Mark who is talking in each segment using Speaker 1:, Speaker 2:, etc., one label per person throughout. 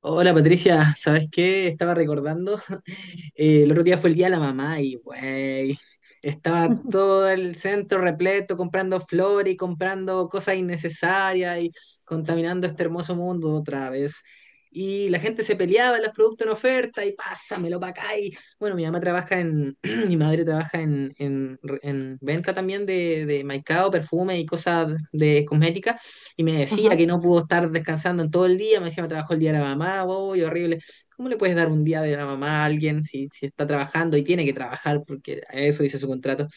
Speaker 1: Hola Patricia, ¿sabes qué? Estaba recordando, el otro día fue el día de la mamá y, güey, estaba todo el centro repleto comprando flores y comprando cosas innecesarias y contaminando este hermoso mundo otra vez. Y la gente se peleaba los productos en oferta y pásamelo para acá. Y bueno, mi mamá trabaja mi madre trabaja en venta también de maicao, perfume y cosas de cosmética y me decía
Speaker 2: Ajá.
Speaker 1: que no pudo estar descansando en todo el día, me decía, me trabajó el día de la mamá, wow, y horrible. ¿Cómo le puedes dar un día de la mamá a alguien si está trabajando y tiene que trabajar porque a eso dice su contrato?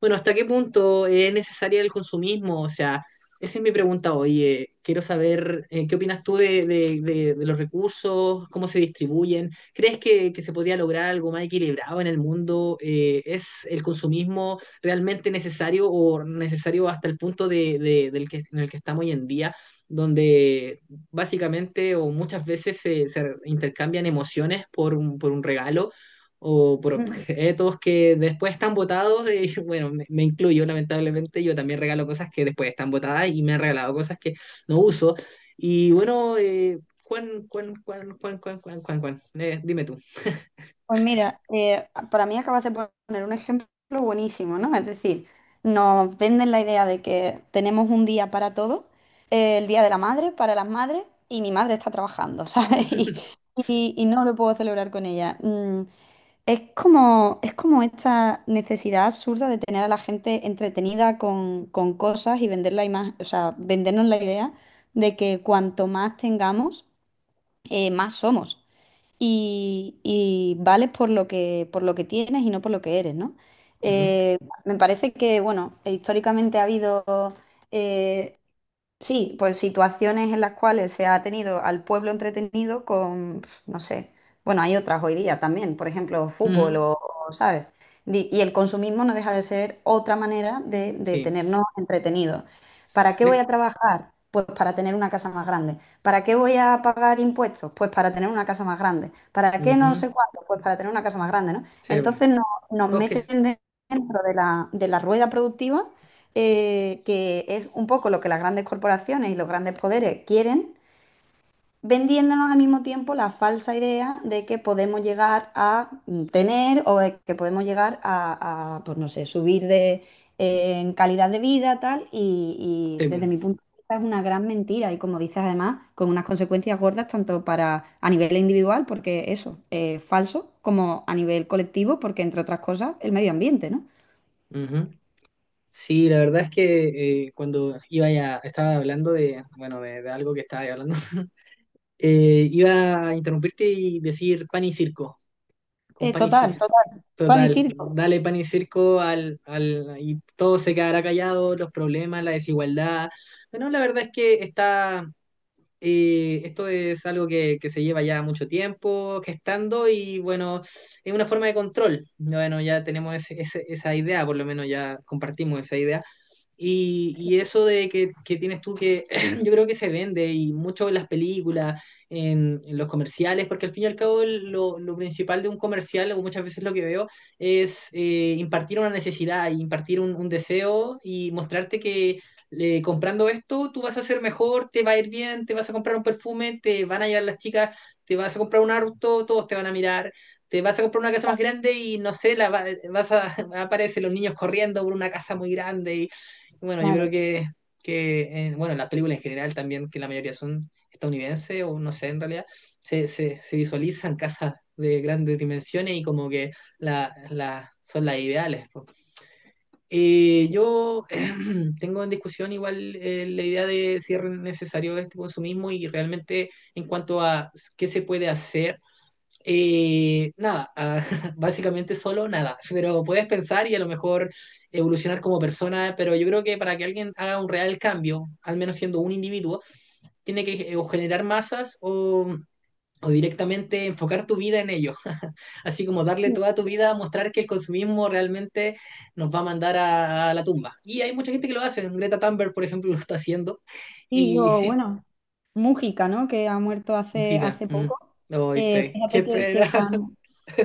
Speaker 1: Bueno, ¿hasta qué punto es necesario el consumismo? O sea, esa es mi pregunta hoy. Quiero saber, qué opinas tú de los recursos, cómo se distribuyen. ¿Crees que se podría lograr algo más equilibrado en el mundo? Es el consumismo realmente necesario o necesario hasta el punto del que, en el que estamos hoy en día, donde básicamente o muchas veces se intercambian emociones por por un regalo? ¿O por
Speaker 2: Ujú.
Speaker 1: objetos que después están botados? Y bueno, me incluyo lamentablemente, yo también regalo cosas que después están botadas y me han regalado cosas que no uso. Y bueno, dime tú.
Speaker 2: Pues mira, para mí acabas de poner un ejemplo buenísimo, ¿no? Es decir, nos venden la idea de que tenemos un día para todo, el día de la madre, para las madres, y mi madre está trabajando, ¿sabes? Y, y- y no lo puedo celebrar con ella. Es como esta necesidad absurda de tener a la gente entretenida con cosas y vender la o sea, vendernos la idea de que cuanto más tengamos, más somos. Y vales por lo que tienes y no por lo que eres, ¿no?
Speaker 1: Ujú,
Speaker 2: Eh, me parece que, bueno, históricamente ha habido eh, Sí, pues situaciones en las cuales se ha tenido al pueblo entretenido con, no sé, bueno, hay otras hoy día también, por ejemplo, fútbol
Speaker 1: ujú,
Speaker 2: o, ¿sabes? Y el consumismo no deja de ser otra manera de
Speaker 1: sí.
Speaker 2: tenernos entretenidos. ¿Para qué voy
Speaker 1: De-
Speaker 2: a trabajar? Pues para tener una casa más grande. ¿Para qué voy a pagar impuestos? Pues para tener una casa más grande. ¿Para qué no
Speaker 1: Ujú,
Speaker 2: sé cuánto? Pues para tener una casa más grande, ¿no?
Speaker 1: sí, bu.
Speaker 2: Entonces nos
Speaker 1: Todos que-
Speaker 2: meten dentro de la rueda productiva que es un poco lo que las grandes corporaciones y los grandes poderes quieren, vendiéndonos al mismo tiempo la falsa idea de que podemos llegar a tener o de que podemos llegar a, pues no sé, subir en calidad de vida, tal, y,
Speaker 1: sí,
Speaker 2: y desde mi
Speaker 1: bu.
Speaker 2: punto de vista es una gran mentira y como dices además, con unas consecuencias gordas tanto para a nivel individual, porque eso, es falso, como a nivel colectivo, porque entre otras cosas, el medio ambiente, ¿no?
Speaker 1: Ujú. Sí, la verdad es que cuando iba ya, estaba hablando de, bueno, de algo que estaba hablando, iba a interrumpirte y decir pan y circo. Con
Speaker 2: Eh,
Speaker 1: pan y
Speaker 2: total,
Speaker 1: ci-
Speaker 2: total. Pan y
Speaker 1: Total,
Speaker 2: circo.
Speaker 1: dale pan y circo y todo se quedará callado, los problemas, la desigualdad. Bueno, la verdad es que está, esto es algo que se lleva ya mucho tiempo gestando y bueno, es una forma de control. Bueno, ya tenemos esa idea, por lo menos ya compartimos esa idea. Y y eso de que tienes tú que yo creo que se vende y mucho en las películas, en los comerciales, porque al fin y al cabo lo principal de un comercial, o muchas veces lo que veo, es, impartir una necesidad, impartir un deseo y mostrarte que, comprando esto tú vas a ser mejor, te va a ir bien, te vas a comprar un perfume, te van a llevar las chicas, te vas a comprar un auto, todos te van a mirar, te vas a comprar una casa más grande y no sé, vas a, aparecen los niños corriendo por una casa muy grande. Bueno, yo creo
Speaker 2: Claro.
Speaker 1: que bueno, las películas en general también, que la mayoría son estadounidenses o no sé, en realidad, se visualizan casas de grandes dimensiones y como que son las ideales. Po. Yo tengo en discusión igual, la idea de si es necesario este consumismo y realmente en cuanto a qué se puede hacer, nada, ah, básicamente solo nada, pero puedes pensar y a lo mejor evolucionar como persona, pero yo creo que para que alguien haga un real cambio, al menos siendo un individuo, tiene que, o generar masas o directamente enfocar tu vida en ello, así como darle toda tu vida a mostrar que el consumismo realmente nos va a mandar a la tumba. Y hay mucha gente que lo hace, Greta Thunberg, por ejemplo, lo está haciendo,
Speaker 2: Sí,
Speaker 1: y
Speaker 2: o bueno, Mújica, ¿no? Que ha muerto hace,
Speaker 1: Mujica,
Speaker 2: hace
Speaker 1: mm,
Speaker 2: poco.
Speaker 1: ay,
Speaker 2: Eh,
Speaker 1: qué
Speaker 2: fíjate que,
Speaker 1: pena.
Speaker 2: que gran,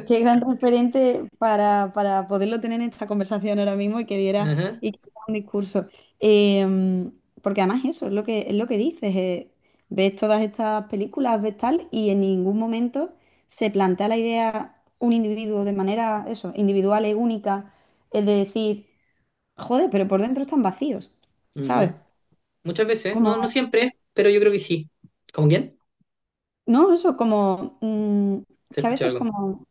Speaker 2: qué gran referente para poderlo tener en esta conversación ahora mismo y que diera,
Speaker 1: Ajá,
Speaker 2: y que diera un discurso. Eh, porque además eso es lo que dices. Ves todas estas películas, ves tal, y en ningún momento se plantea la idea un individuo de manera, eso, individual y única, es de decir, joder, pero por dentro están vacíos, ¿sabes?
Speaker 1: ujú. Muchas veces, no, no siempre, pero yo creo que sí. ¿Con quién?
Speaker 2: No, eso como
Speaker 1: Te
Speaker 2: que a
Speaker 1: escuché
Speaker 2: veces
Speaker 1: algo.
Speaker 2: como,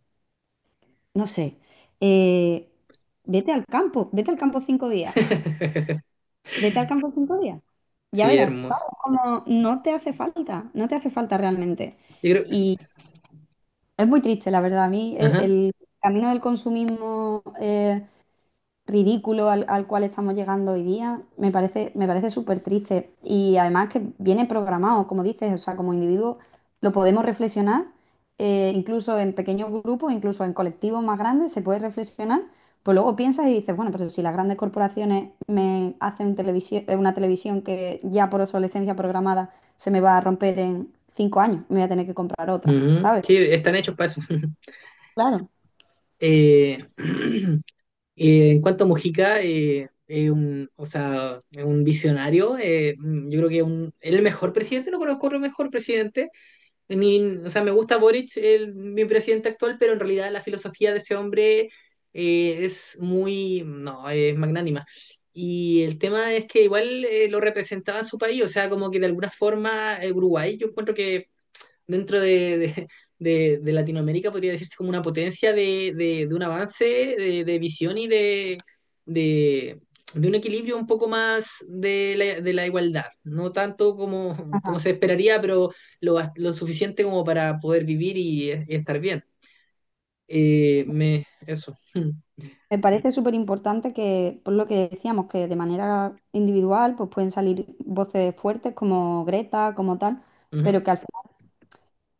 Speaker 2: no sé, eh, vete al campo cinco días, vete al campo cinco días, ya
Speaker 1: Sí,
Speaker 2: verás,
Speaker 1: hermoso.
Speaker 2: ¿sabes? Como no te hace falta, no te hace falta realmente.
Speaker 1: Yo creo.
Speaker 2: Y es muy triste, la verdad, a mí
Speaker 1: Ajá.
Speaker 2: el camino del consumismo ridículo al cual estamos llegando hoy día, me parece súper triste. Y además que viene programado, como dices, o sea, como individuo lo podemos reflexionar, incluso en pequeños grupos, incluso en colectivos más grandes, se puede reflexionar. Pues luego piensas y dices, bueno, pero si las grandes corporaciones me hacen una televisión que ya por obsolescencia programada se me va a romper en cinco años, me voy a tener que comprar otra,
Speaker 1: Ujú.
Speaker 2: ¿sabes?
Speaker 1: Sí, están hechos para eso.
Speaker 2: Claro.
Speaker 1: Eh, en cuanto a Mujica, es un, o sea, es un visionario. Mm, yo creo que es el mejor presidente, no conozco otro mejor presidente. O sea, me gusta Boric, mi presidente actual, pero en realidad la filosofía de ese hombre, es muy, no, es magnánima. Y el tema es que igual, lo representaba en su país, o sea, como que de alguna forma, Uruguay, yo encuentro que dentro de Latinoamérica podría decirse como una potencia de un avance, de visión y de, de un equilibrio un poco más de de la igualdad. No tanto como, como
Speaker 2: Ajá.
Speaker 1: se esperaría, pero lo suficiente como para poder vivir y estar bien. Eso.
Speaker 2: Me parece súper importante que, por lo que decíamos, que de manera individual pues pueden salir voces fuertes como Greta, como tal,
Speaker 1: Mm,
Speaker 2: pero
Speaker 1: ujú.
Speaker 2: que al final,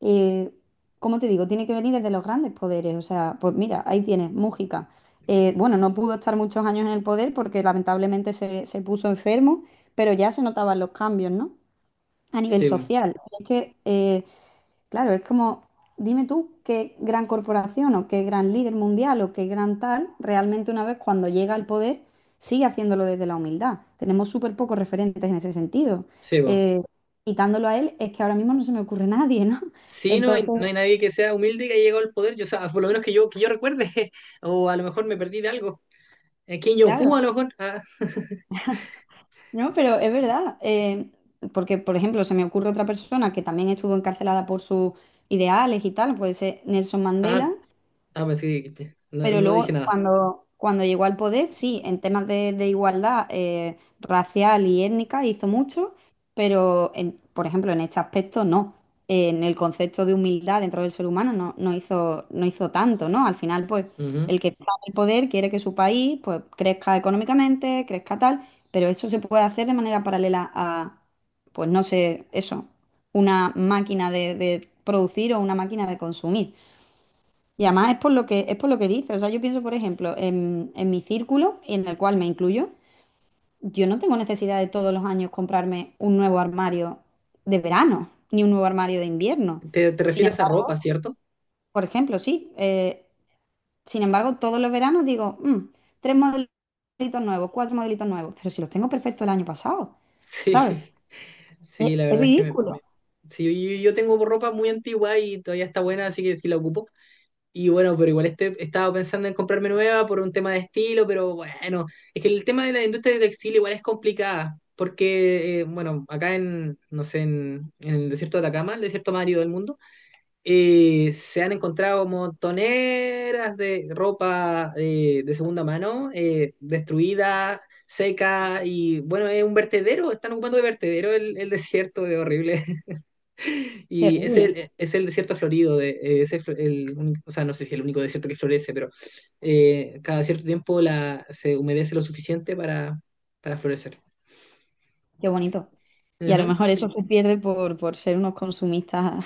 Speaker 2: eh, como te digo, tiene que venir desde los grandes poderes. O sea, pues mira, ahí tienes, Mújica. Bueno, no pudo estar muchos años en el poder porque lamentablemente se puso enfermo, pero ya se notaban los cambios, ¿no? A nivel
Speaker 1: Sí, bo.
Speaker 2: social. Es que claro, es como, dime tú qué gran corporación o qué gran líder mundial o qué gran tal, realmente una vez cuando llega al poder, sigue haciéndolo desde la humildad. Tenemos súper pocos referentes en ese sentido.
Speaker 1: Sí, bo.
Speaker 2: Eh, quitándolo a él, es que ahora mismo no se me ocurre nadie, ¿no?
Speaker 1: Sí, no hay, no hay
Speaker 2: Entonces,
Speaker 1: nadie que sea humilde y que haya llegado al poder. Yo, o sea, por lo menos que yo recuerde, o a lo mejor me perdí de algo. Kim Jong-un,
Speaker 2: claro,
Speaker 1: a lo mejor. Ah,
Speaker 2: no, pero es verdad. Porque, por ejemplo, se me ocurre otra persona que también estuvo encarcelada por sus ideales y tal, puede ser Nelson Mandela,
Speaker 1: ah, ah, pues sí, dijiste. No,
Speaker 2: pero
Speaker 1: no dije
Speaker 2: luego,
Speaker 1: nada.
Speaker 2: cuando llegó al poder, sí, en temas de igualdad racial y étnica hizo mucho, pero, por ejemplo, en este aspecto no. En el concepto de humildad dentro del ser humano no, no hizo, no hizo tanto, ¿no? Al final, pues,
Speaker 1: Ujú.
Speaker 2: el que está en el poder quiere que su país, pues, crezca económicamente, crezca tal, pero eso se puede hacer de manera paralela a, pues, no sé, eso, una máquina de producir o una máquina de consumir. Y además es por lo que dice. O sea, yo pienso, por ejemplo, en mi círculo, en el cual me incluyo, yo no tengo necesidad de todos los años comprarme un nuevo armario de verano, ni un nuevo armario de invierno.
Speaker 1: ¿Te, te
Speaker 2: Sin
Speaker 1: refieres a
Speaker 2: embargo,
Speaker 1: ropa, cierto?
Speaker 2: por ejemplo, sí. Sin embargo, todos los veranos digo, "Tres modelitos nuevos, cuatro modelitos nuevos. Pero si los tengo perfectos el año pasado,
Speaker 1: Sí,
Speaker 2: ¿sabes?
Speaker 1: sí,
Speaker 2: Es,
Speaker 1: la
Speaker 2: es
Speaker 1: verdad es que
Speaker 2: ridículo.
Speaker 1: sí, yo tengo ropa muy antigua y todavía está buena, así que sí la ocupo. Y bueno, pero igual estoy, estaba pensando en comprarme nueva por un tema de estilo, pero bueno, es que el tema de la industria de textil igual es complicada, porque, bueno, acá en, no sé, en el desierto de Atacama, el desierto más árido del mundo. Y se han encontrado montoneras de ropa, de segunda mano, destruida, seca, y bueno, es un vertedero, están ocupando de vertedero el desierto de horrible. Y
Speaker 2: Terrible.
Speaker 1: es el desierto florido, de, es el, o sea, no sé si es el único desierto que florece, pero cada cierto tiempo se humedece lo suficiente para florecer.
Speaker 2: Qué bonito. Y a lo
Speaker 1: Ujú.
Speaker 2: mejor eso se pierde por ser unos consumistas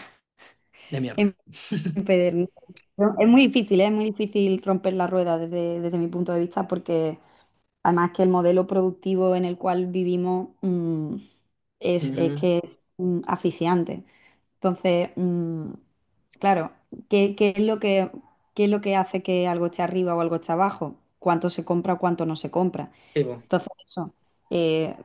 Speaker 1: De mierda.
Speaker 2: empedernido. Pero es muy difícil, ¿eh? Es muy difícil romper la rueda desde mi punto de vista porque además que el modelo productivo en el cual vivimos es
Speaker 1: Ujú.
Speaker 2: que es asfixiante. Entonces, claro, qué, qué es lo que, qué es lo que hace que algo esté arriba o algo esté abajo? ¿Cuánto se compra o cuánto no se compra?
Speaker 1: Sí, po.
Speaker 2: Entonces, eso. eh,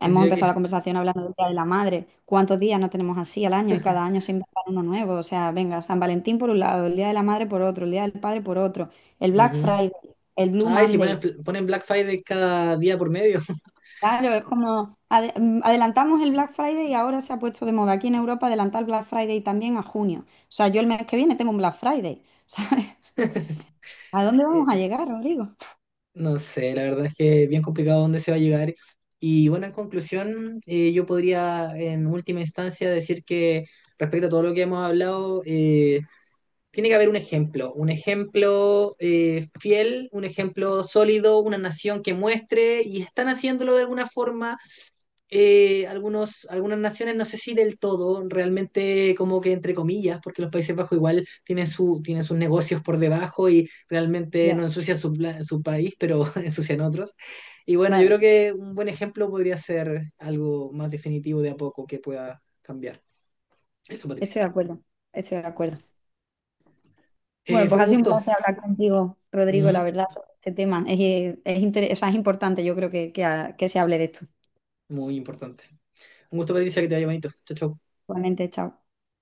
Speaker 2: Hemos
Speaker 1: Tendría
Speaker 2: empezado la
Speaker 1: que...
Speaker 2: conversación hablando del Día de la Madre. ¿Cuántos días no tenemos así al año? Y cada año se inventa uno nuevo. O sea, venga, San Valentín por un lado, el Día de la Madre por otro, el Día del Padre por otro, el Black
Speaker 1: ujú.
Speaker 2: Friday, el Blue
Speaker 1: Ay, si ponen,
Speaker 2: Monday.
Speaker 1: ponen Black Friday cada día por medio.
Speaker 2: Claro, es como adelantamos el Black Friday y ahora se ha puesto de moda aquí en Europa adelantar el Black Friday también a junio. O sea, yo el mes que viene tengo un Black Friday, ¿sabes? ¿A dónde vamos a
Speaker 1: Eh,
Speaker 2: llegar, Rodrigo?
Speaker 1: no sé, la verdad es que es bien complicado dónde se va a llegar. Y bueno, en conclusión, yo podría en última instancia decir que respecto a todo lo que hemos hablado, tiene que haber un ejemplo, un ejemplo, fiel, un ejemplo sólido, una nación que muestre y están haciéndolo de alguna forma, algunos, algunas naciones, no sé si del todo, realmente como que entre comillas, porque los Países Bajos igual tienen, su, tienen sus negocios por debajo y realmente no
Speaker 2: Ya,
Speaker 1: ensucian su país, pero ensucian otros. Y bueno, yo
Speaker 2: claro,
Speaker 1: creo que un buen ejemplo podría ser algo más definitivo de a poco que pueda cambiar. Eso,
Speaker 2: estoy
Speaker 1: Patricia.
Speaker 2: de acuerdo, estoy de acuerdo. Bueno,
Speaker 1: Fue
Speaker 2: pues
Speaker 1: un
Speaker 2: ha sido un
Speaker 1: gusto.
Speaker 2: placer hablar contigo, Rodrigo, la
Speaker 1: Ujú,
Speaker 2: verdad, sobre este tema. O sea, es importante, yo creo que se hable de esto.
Speaker 1: muy importante. Un gusto, Patricia, que te haya bonito. Chao, chao.
Speaker 2: Igualmente, chao.